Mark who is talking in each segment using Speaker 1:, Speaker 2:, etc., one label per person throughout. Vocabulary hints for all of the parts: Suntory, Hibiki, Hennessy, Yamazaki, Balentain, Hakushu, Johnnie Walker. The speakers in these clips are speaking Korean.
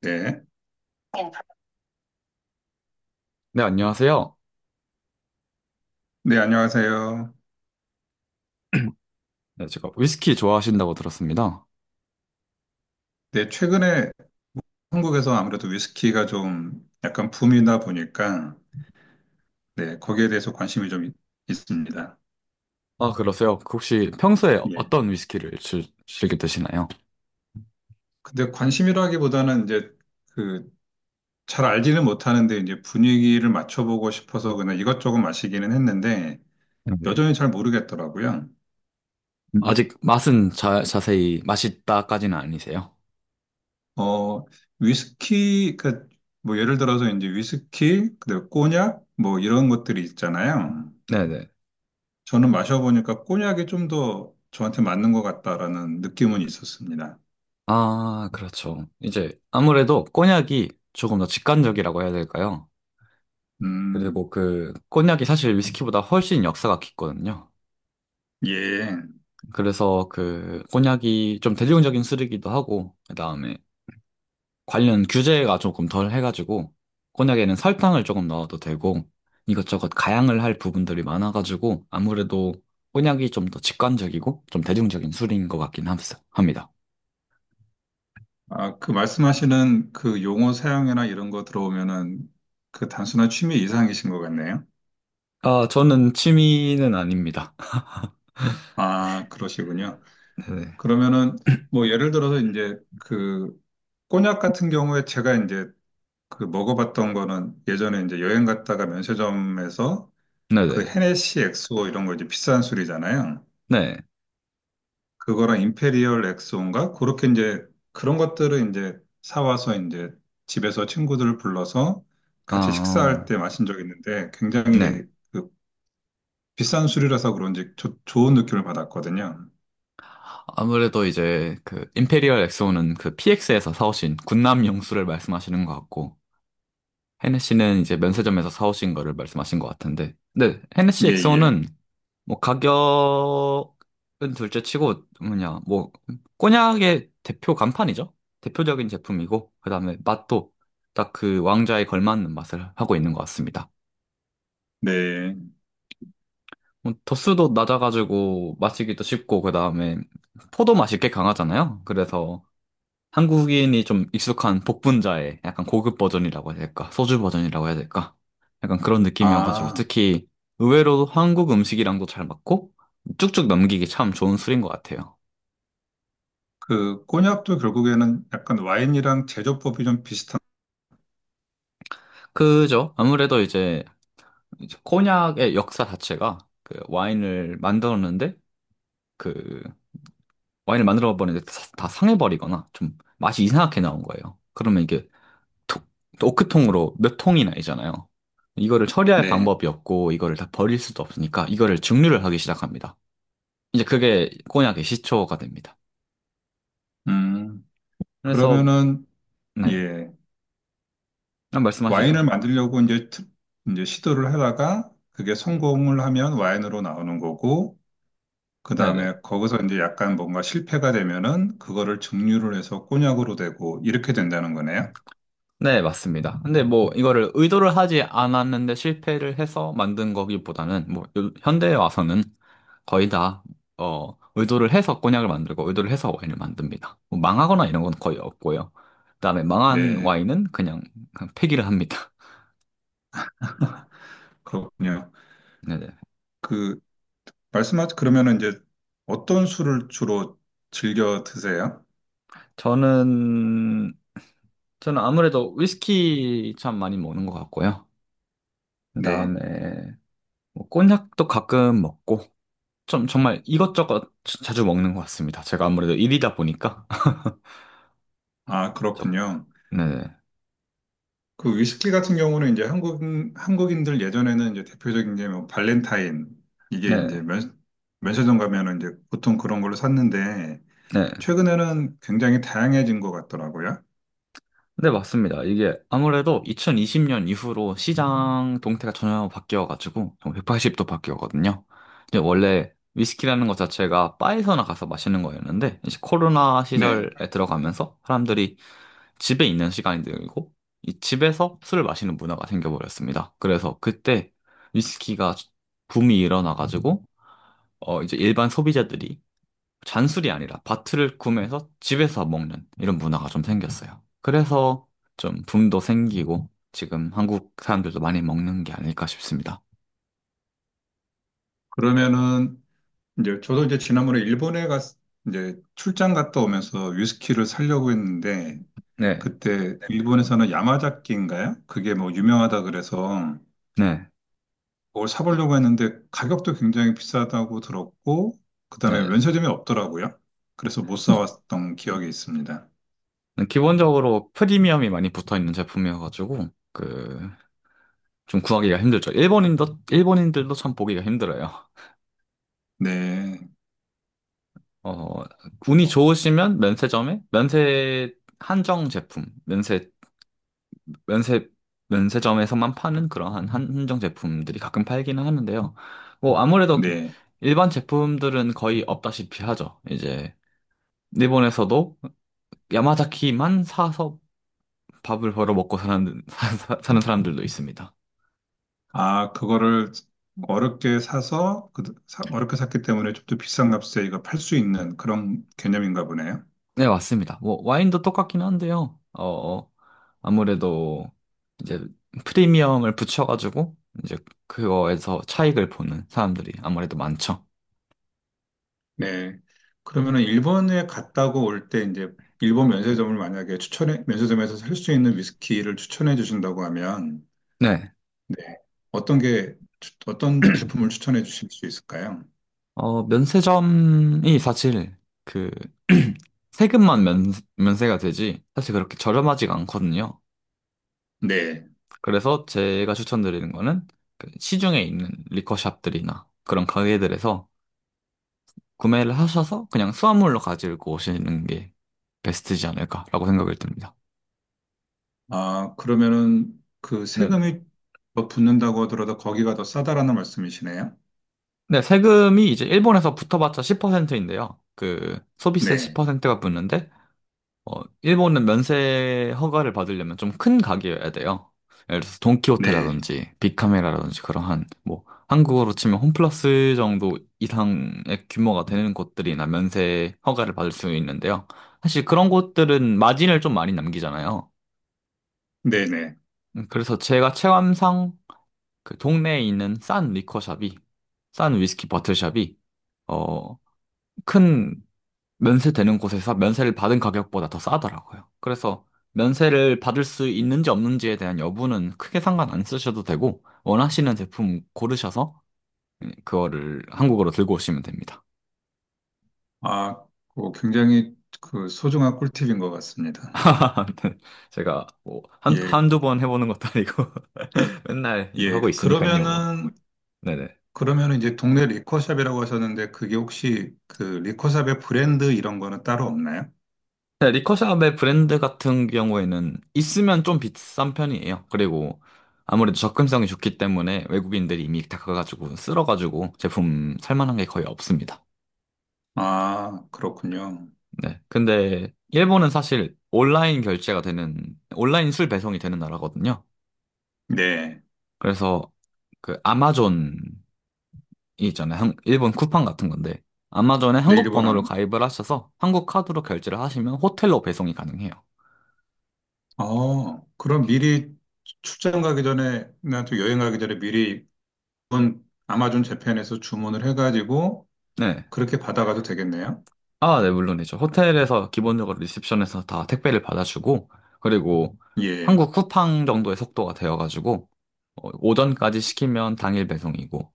Speaker 1: 네.
Speaker 2: 네, 안녕하세요.
Speaker 1: 네, 안녕하세요.
Speaker 2: 네, 제가 위스키 좋아하신다고 들었습니다.
Speaker 1: 네, 최근에 한국에서 아무래도 위스키가 좀 약간 붐이다 보니까, 네, 거기에 대해서 관심이 좀 있습니다.
Speaker 2: 아, 그러세요? 그 혹시 평소에
Speaker 1: 예.
Speaker 2: 어떤 위스키를 즐겨 드시나요?
Speaker 1: 근데 관심이라기보다는 이제 그 잘 알지는 못하는데 이제 분위기를 맞춰보고 싶어서 그냥 이것저것 마시기는 했는데,
Speaker 2: 네.
Speaker 1: 여전히 잘 모르겠더라고요.
Speaker 2: 아직 맛은 자세히 맛있다까지는 아니세요?
Speaker 1: 어, 위스키, 그, 뭐 예를 들어서 이제 위스키, 그다음에 꼬냑, 뭐 이런 것들이 있잖아요.
Speaker 2: 네네.
Speaker 1: 저는 마셔보니까 꼬냑이 좀 더 저한테 맞는 것 같다라는 느낌은 있었습니다.
Speaker 2: 아, 그렇죠. 이제 아무래도 꼬냑이 조금 더 직관적이라고 해야 될까요?
Speaker 1: 음,
Speaker 2: 그리고 그 꼬냑이 사실 위스키보다 훨씬 역사가 깊거든요.
Speaker 1: 예.
Speaker 2: 그래서 그 꼬냑이 좀 대중적인 술이기도 하고, 그다음에 관련 규제가 조금 덜 해가지고 곤약에는 설탕을 조금 넣어도 되고 이것저것 가양을 할 부분들이 많아가지고 아무래도 곤약이 좀 더 직관적이고 좀 대중적인 술인 것 같긴 합니다.
Speaker 1: 아, 그 말씀하시는 그 용어 사용이나 이런 거 들어오면은 그 단순한 취미 이상이신 것 같네요.
Speaker 2: 아, 저는 취미는 아닙니다.
Speaker 1: 아, 그러시군요.
Speaker 2: 네네.
Speaker 1: 그러면은 뭐 예를 들어서 이제 그 꼬냑 같은 경우에 제가 이제 그 먹어봤던 거는 예전에 이제 여행 갔다가 면세점에서 그
Speaker 2: 네네.
Speaker 1: 헤네시 엑소 이런 거 이제 비싼 술이잖아요.
Speaker 2: 네.
Speaker 1: 그거랑 임페리얼 엑스온가 그렇게 이제 그런 것들을 이제 사와서 이제 집에서 친구들을 불러서
Speaker 2: 아,
Speaker 1: 같이 식사할
Speaker 2: 어,
Speaker 1: 때 마신 적이 있는데
Speaker 2: 네.
Speaker 1: 굉장히 그 비싼 술이라서 그런지 좋은 느낌을 받았거든요.
Speaker 2: 아무래도 이제 그 임페리얼 엑소는 그 PX에서 사오신 군남 용수를 말씀하시는 것 같고, 헤네시는 이제 면세점에서 사오신 거를 말씀하신 것 같은데, 네, 헤네시
Speaker 1: 예, 예.
Speaker 2: 엑소는 뭐 가격은 둘째 치고 뭐냐 뭐 꼬냑의 대표 간판이죠. 대표적인 제품이고 그다음에 맛도 딱 그 왕좌에 걸맞는 맛을 하고 있는 것 같습니다.
Speaker 1: 네.
Speaker 2: 뭐 도수도 낮아가지고 마시기도 쉽고 그다음에 포도 맛이 꽤 강하잖아요. 그래서 한국인이 좀 익숙한 복분자의 약간 고급 버전이라고 해야 될까? 소주 버전이라고 해야 될까? 약간 그런 느낌이어가지고
Speaker 1: 아,
Speaker 2: 특히 의외로 한국 음식이랑도 잘 맞고 쭉쭉 넘기기 참 좋은 술인 것 같아요.
Speaker 1: 그 꼬냑도 결국에는 약간 와인이랑 제조법이 좀 비슷한.
Speaker 2: 그죠? 아무래도 이제, 이제 코냑의 역사 자체가 그 와인을 만들었는데 그 와인을 만들어 버리는데 다 상해버리거나 좀 맛이 이상하게 나온 거예요. 그러면 이게 톡, 오크통으로 몇 통이 나이잖아요. 이거를 처리할
Speaker 1: 네.
Speaker 2: 방법이 없고 이거를 다 버릴 수도 없으니까 이거를 증류를 하기 시작합니다. 이제 그게 코냑의 시초가 됩니다.
Speaker 1: 음.
Speaker 2: 그래서
Speaker 1: 그러면은
Speaker 2: 네,
Speaker 1: 예.
Speaker 2: 한
Speaker 1: 와인을
Speaker 2: 말씀하시죠.
Speaker 1: 만들려고 이제 이제 시도를 하다가 그게 성공을 하면 와인으로 나오는 거고 그 다음에
Speaker 2: 네네.
Speaker 1: 거기서 이제 약간 뭔가 실패가 되면은 그거를 증류를 해서 꼬냑으로 되고 이렇게 된다는 거네요.
Speaker 2: 네, 맞습니다. 근데 뭐 이거를 의도를 하지 않았는데 실패를 해서 만든 거기보다는 뭐 현대에 와서는 거의 다 의도를 해서 cognac 을 만들고 의도를 해서 와인을 만듭니다. 뭐 망하거나 이런 건 거의 없고요. 그다음에 망한
Speaker 1: 네,
Speaker 2: 와인은 그냥, 그냥 폐기를 합니다.
Speaker 1: 그렇군요.
Speaker 2: 네네.
Speaker 1: 그 말씀하신 그러면은 이제 어떤 술을 주로 즐겨 드세요?
Speaker 2: 저는 저는 아무래도 위스키 참 많이 먹는 것 같고요.
Speaker 1: 네,
Speaker 2: 그다음에 뭐 cognac 도 가끔 먹고 좀 정말 이것저것 자주 먹는 것 같습니다. 제가 아무래도 일이다 보니까.
Speaker 1: 아
Speaker 2: 저거.
Speaker 1: 그렇군요.
Speaker 2: 네,
Speaker 1: 그 위스키 같은 경우는 이제 한국인들 예전에는 이제 대표적인 게 뭐 발렌타인 이게
Speaker 2: 네,
Speaker 1: 이제 면 면세점 가면은 이제 보통 그런 걸로 샀는데
Speaker 2: 네.
Speaker 1: 최근에는 굉장히 다양해진 것 같더라고요.
Speaker 2: 네, 맞습니다. 이게 아무래도 2020년 이후로 시장 동태가 전혀 바뀌어가지고 180도 바뀌었거든요. 이제 원래 위스키라는 것 자체가 바에서나 가서 마시는 거였는데, 이제 코로나
Speaker 1: 네,
Speaker 2: 시절에 들어가면서 사람들이 집에 있는 시간이 늘고 이 집에서 술을 마시는 문화가 생겨버렸습니다. 그래서 그때 위스키가 붐이 일어나가지고 이제 일반 소비자들이 잔술이 아니라 밭을 구매해서 집에서 먹는 이런 문화가 좀 생겼어요. 그래서 좀 붐도 생기고 지금 한국 사람들도 많이 먹는 게 아닐까 싶습니다.
Speaker 1: 그러면은 이제 저도 이제 지난번에 일본에 이제 출장 갔다 오면서 위스키를 사려고 했는데,
Speaker 2: 네,
Speaker 1: 그때 일본에서는 야마자키인가요? 그게 뭐 유명하다 그래서
Speaker 2: 네,
Speaker 1: 그걸 사보려고 했는데 가격도 굉장히 비싸다고 들었고, 그다음에
Speaker 2: 네.
Speaker 1: 면세점이 없더라고요. 그래서 못 사왔던 기억이 있습니다.
Speaker 2: 기본적으로 프리미엄이 많이 붙어 있는 제품이어가지고 그 좀 구하기가 힘들죠. 일본인도 일본인들도 참 보기가 힘들어요.
Speaker 1: 네,
Speaker 2: 어, 운이 좋으시면 면세점에 면세 한정 제품, 면세 면세 면세점에서만 파는 그러한 한정 제품들이 가끔 팔기는 하는데요. 뭐 아무래도
Speaker 1: 네.
Speaker 2: 일반 제품들은 거의 없다시피 하죠. 이제 일본에서도 야마자키만 사서 밥을 벌어 먹고 사는 사는 사람들도 있습니다.
Speaker 1: 아, 그거를 어렵게 사서, 어렵게 샀기 때문에 좀 더 비싼 값에 이거 팔 수 있는 그런 개념인가 보네요.
Speaker 2: 네, 맞습니다. 뭐 와인도 똑같긴 한데요. 아무래도 이제 프리미엄을 붙여가지고 이제 그거에서 차익을 보는 사람들이 아무래도 많죠.
Speaker 1: 네. 그러면은 일본에 갔다고 올 때 이제 일본 면세점을 만약에 면세점에서 살 수 있는 위스키를 추천해 주신다고 하면,
Speaker 2: 네.
Speaker 1: 네. 어떤 제품을 추천해 주실 수 있을까요?
Speaker 2: 어, 면세점이 사실 그 세금만 면세가 되지 사실 그렇게 저렴하지가 않거든요.
Speaker 1: 네.
Speaker 2: 그래서 제가 추천드리는 거는 그 시중에 있는 리커샵들이나 그런 가게들에서 구매를 하셔서 그냥 수화물로 가지고 오시는 게 베스트지 않을까라고 생각이 듭니다.
Speaker 1: 아, 그러면은 그
Speaker 2: 네네.
Speaker 1: 세금이 더 붙는다고 하더라도 거기가 더 싸다라는 말씀이시네요.
Speaker 2: 네, 세금이 이제 일본에서 붙어봤자 10%인데요. 그 소비세
Speaker 1: 네.
Speaker 2: 10%가 붙는데 어, 일본은 면세 허가를 받으려면 좀 큰 가게여야 돼요. 예를 들어서
Speaker 1: 네.
Speaker 2: 돈키호테라든지 빅카메라라든지 그러 한, 뭐, 한국어로 치면 홈플러스 정도 이상의 규모가 되는 곳들이나 면세 허가를 받을 수 있는데요. 사실 그런 곳들은 마진을 좀 많이 남기잖아요.
Speaker 1: 네네.
Speaker 2: 그래서 제가 체감상 그 동네에 있는 싼 리커샵이, 싼 위스키 버틀샵이, 어, 큰 면세되는 곳에서 면세를 받은 가격보다 더 싸더라고요. 그래서 면세를 받을 수 있는지 없는지에 대한 여부는 크게 상관 안 쓰셔도 되고, 원하시는 제품 고르셔서 그거를 한국으로 들고 오시면 됩니다.
Speaker 1: 아, 그 굉장히 그 소중한 꿀팁인 것 같습니다.
Speaker 2: 네, 제가 뭐
Speaker 1: 예.
Speaker 2: 한두 번 해보는 것도 아니고 맨날 이거
Speaker 1: 예.
Speaker 2: 하고 있으니까요, 뭐.
Speaker 1: 그러면은
Speaker 2: 네네.
Speaker 1: 그러면 이제 동네 리커샵이라고 하셨는데 그게 혹시 그 리커샵의 브랜드 이런 거는 따로 없나요?
Speaker 2: 네, 리커샵의 브랜드 같은 경우에는 있으면 좀 비싼 편이에요. 그리고 아무래도 접근성이 좋기 때문에 외국인들이 이미 다 가가지고 쓸어가지고 제품 살만한 게 거의 없습니다.
Speaker 1: 아, 그렇군요.
Speaker 2: 네. 근데 일본은 사실 온라인 결제가 되는, 온라인 술 배송이 되는 나라거든요.
Speaker 1: 네.
Speaker 2: 그래서 그 아마존이 있잖아요. 일본 쿠팡 같은 건데 아마존에
Speaker 1: 네,
Speaker 2: 한국
Speaker 1: 일본
Speaker 2: 번호를
Speaker 1: 안,
Speaker 2: 가입을 하셔서 한국 카드로 결제를 하시면 호텔로 배송이 가능해요.
Speaker 1: 어, 그럼 미리 출장 가기 전에, 나또 여행 가기 전에 미리 일본 아마존 재팬에서 주문을 해가지고
Speaker 2: 네.
Speaker 1: 그렇게 받아가도 되겠네요.
Speaker 2: 아, 네, 물론이죠. 호텔에서 기본적으로 리셉션에서 다 택배를 받아주고, 그리고
Speaker 1: 예.
Speaker 2: 한국 쿠팡 정도의 속도가 되어가지고, 어, 오전까지 시키면 당일 배송이고,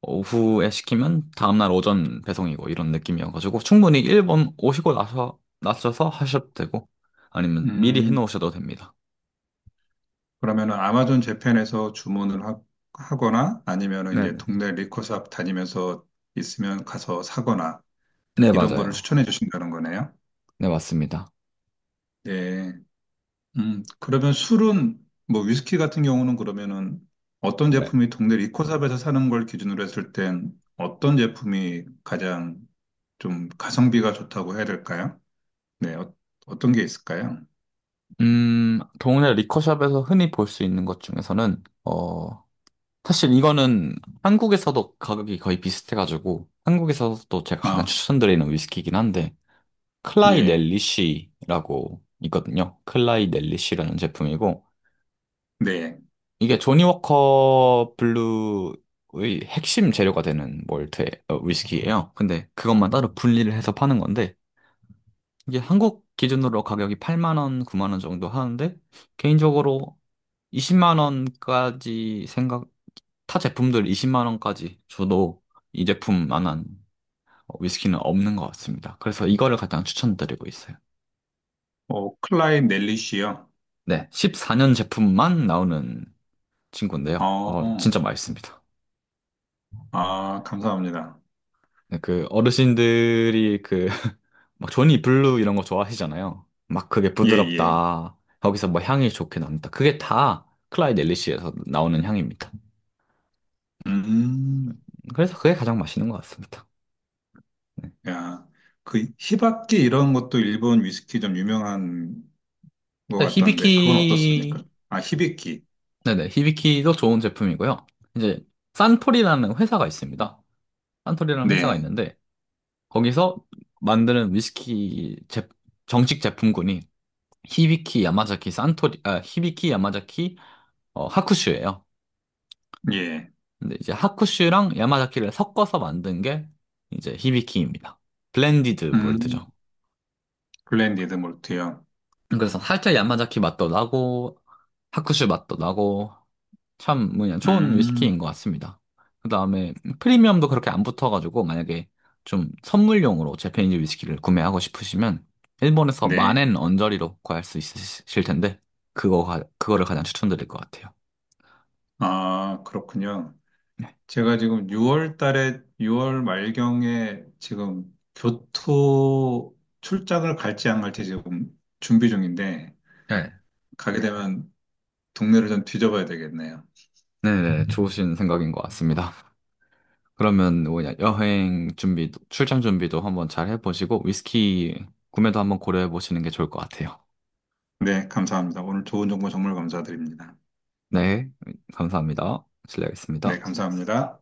Speaker 2: 오후에 시키면 다음날 오전 배송이고, 이런 느낌이어가지고, 충분히 일본 오시고 나서, 나셔서 하셔도 되고, 아니면 미리
Speaker 1: 음,
Speaker 2: 해놓으셔도 됩니다.
Speaker 1: 그러면은 아마존 재팬에서 주문을 하거나 아니면은 이제
Speaker 2: 네네.
Speaker 1: 동네 리코샵 다니면서 있으면 가서 사거나
Speaker 2: 네,
Speaker 1: 이런 거를
Speaker 2: 맞아요.
Speaker 1: 추천해 주신다는 거네요.
Speaker 2: 네, 맞습니다.
Speaker 1: 네. 그러면 술은, 뭐, 위스키 같은 경우는 그러면은 어떤
Speaker 2: 네.
Speaker 1: 제품이 동네 리코샵에서 사는 걸 기준으로 했을 땐 어떤 제품이 가장 좀 가성비가 좋다고 해야 될까요? 네. 어떤 게 있을까요?
Speaker 2: 동네 리커샵에서 흔히 볼 수 있는 것 중에서는, 어, 사실 이거는 한국에서도 가격이 거의 비슷해가지고 한국에서도 제가
Speaker 1: 아,
Speaker 2: 가장 추천드리는 위스키이긴 한데 클라이
Speaker 1: 예.
Speaker 2: 넬리시라고 있거든요. 클라이 넬리시라는 제품이고
Speaker 1: 네.
Speaker 2: 이게 조니 워커 블루의 핵심 재료가 되는 몰트 어, 위스키예요. 근데 그것만 따로 분리를 해서 파는 건데 이게 한국 기준으로 가격이 8만 원, 9만 원 정도 하는데 개인적으로 20만 원까지 생각 타 제품들 20만 원까지 줘도 이 제품만한 위스키는 없는 것 같습니다. 그래서 이거를 가장 추천드리고 있어요.
Speaker 1: 클라인 넬리시요?
Speaker 2: 네, 14년 제품만 나오는 친구인데요.
Speaker 1: 어,
Speaker 2: 어, 진짜 맛있습니다.
Speaker 1: 감사합니다.
Speaker 2: 네, 그 어르신들이 그 막 조니 블루 이런 거 좋아하시잖아요. 막 그게
Speaker 1: 예, 예.
Speaker 2: 부드럽다. 거기서 뭐 향이 좋게 납니다. 그게 다 클라이드 엘리시에서 나오는 향입니다.
Speaker 1: 음,
Speaker 2: 그래서 그게 가장 맛있는 것 같습니다. 네.
Speaker 1: 야. 그, 히바키 이런 것도 일본 위스키 좀 유명한 것
Speaker 2: 네,
Speaker 1: 같던데, 그건
Speaker 2: 히비키,
Speaker 1: 어떻습니까? 아, 히비키.
Speaker 2: 네네, 히비키도 좋은 제품이고요. 이제 산토리라는 회사가 있습니다. 산토리라는 회사가
Speaker 1: 네,
Speaker 2: 있는데 거기서 만드는 정식 제품군이 히비키 야마자키 어, 하쿠슈예요.
Speaker 1: 예.
Speaker 2: 근데 이제 하쿠슈랑 야마자키를 섞어서 만든 게 이제 히비키입니다. 블렌디드
Speaker 1: 음,
Speaker 2: 몰트죠.
Speaker 1: 블렌디드 몰트요.
Speaker 2: 그래서 살짝 야마자키 맛도 나고 하쿠슈 맛도 나고 참 뭐냐 좋은 위스키인
Speaker 1: 음,
Speaker 2: 것 같습니다. 그다음에 프리미엄도 그렇게 안 붙어가지고 만약에 좀 선물용으로 재패니즈 위스키를 구매하고 싶으시면 일본에서
Speaker 1: 네.
Speaker 2: 만엔 언저리로 구할 수 있으실 텐데 그거를 가장 추천드릴 것 같아요.
Speaker 1: 아, 그렇군요.
Speaker 2: 네,
Speaker 1: 제가 지금 6월 달에, 6월 말경에 지금 교토 출장을 갈지 안 갈지 지금 준비 중인데,
Speaker 2: 네,
Speaker 1: 가게 네. 되면 동네를 좀 뒤져봐야 되겠네요.
Speaker 2: 네, 네, 좋으신 생각인 것 같습니다. 그러면 뭐냐, 여행 준비도, 출장 준비도 한번 잘 해보시고, 위스키 구매도 한번 고려해 보시는 게 좋을 것 같아요.
Speaker 1: 네, 감사합니다. 오늘 좋은 정보 정말 감사드립니다.
Speaker 2: 네, 감사합니다.
Speaker 1: 네,
Speaker 2: 실례하겠습니다.
Speaker 1: 감사합니다.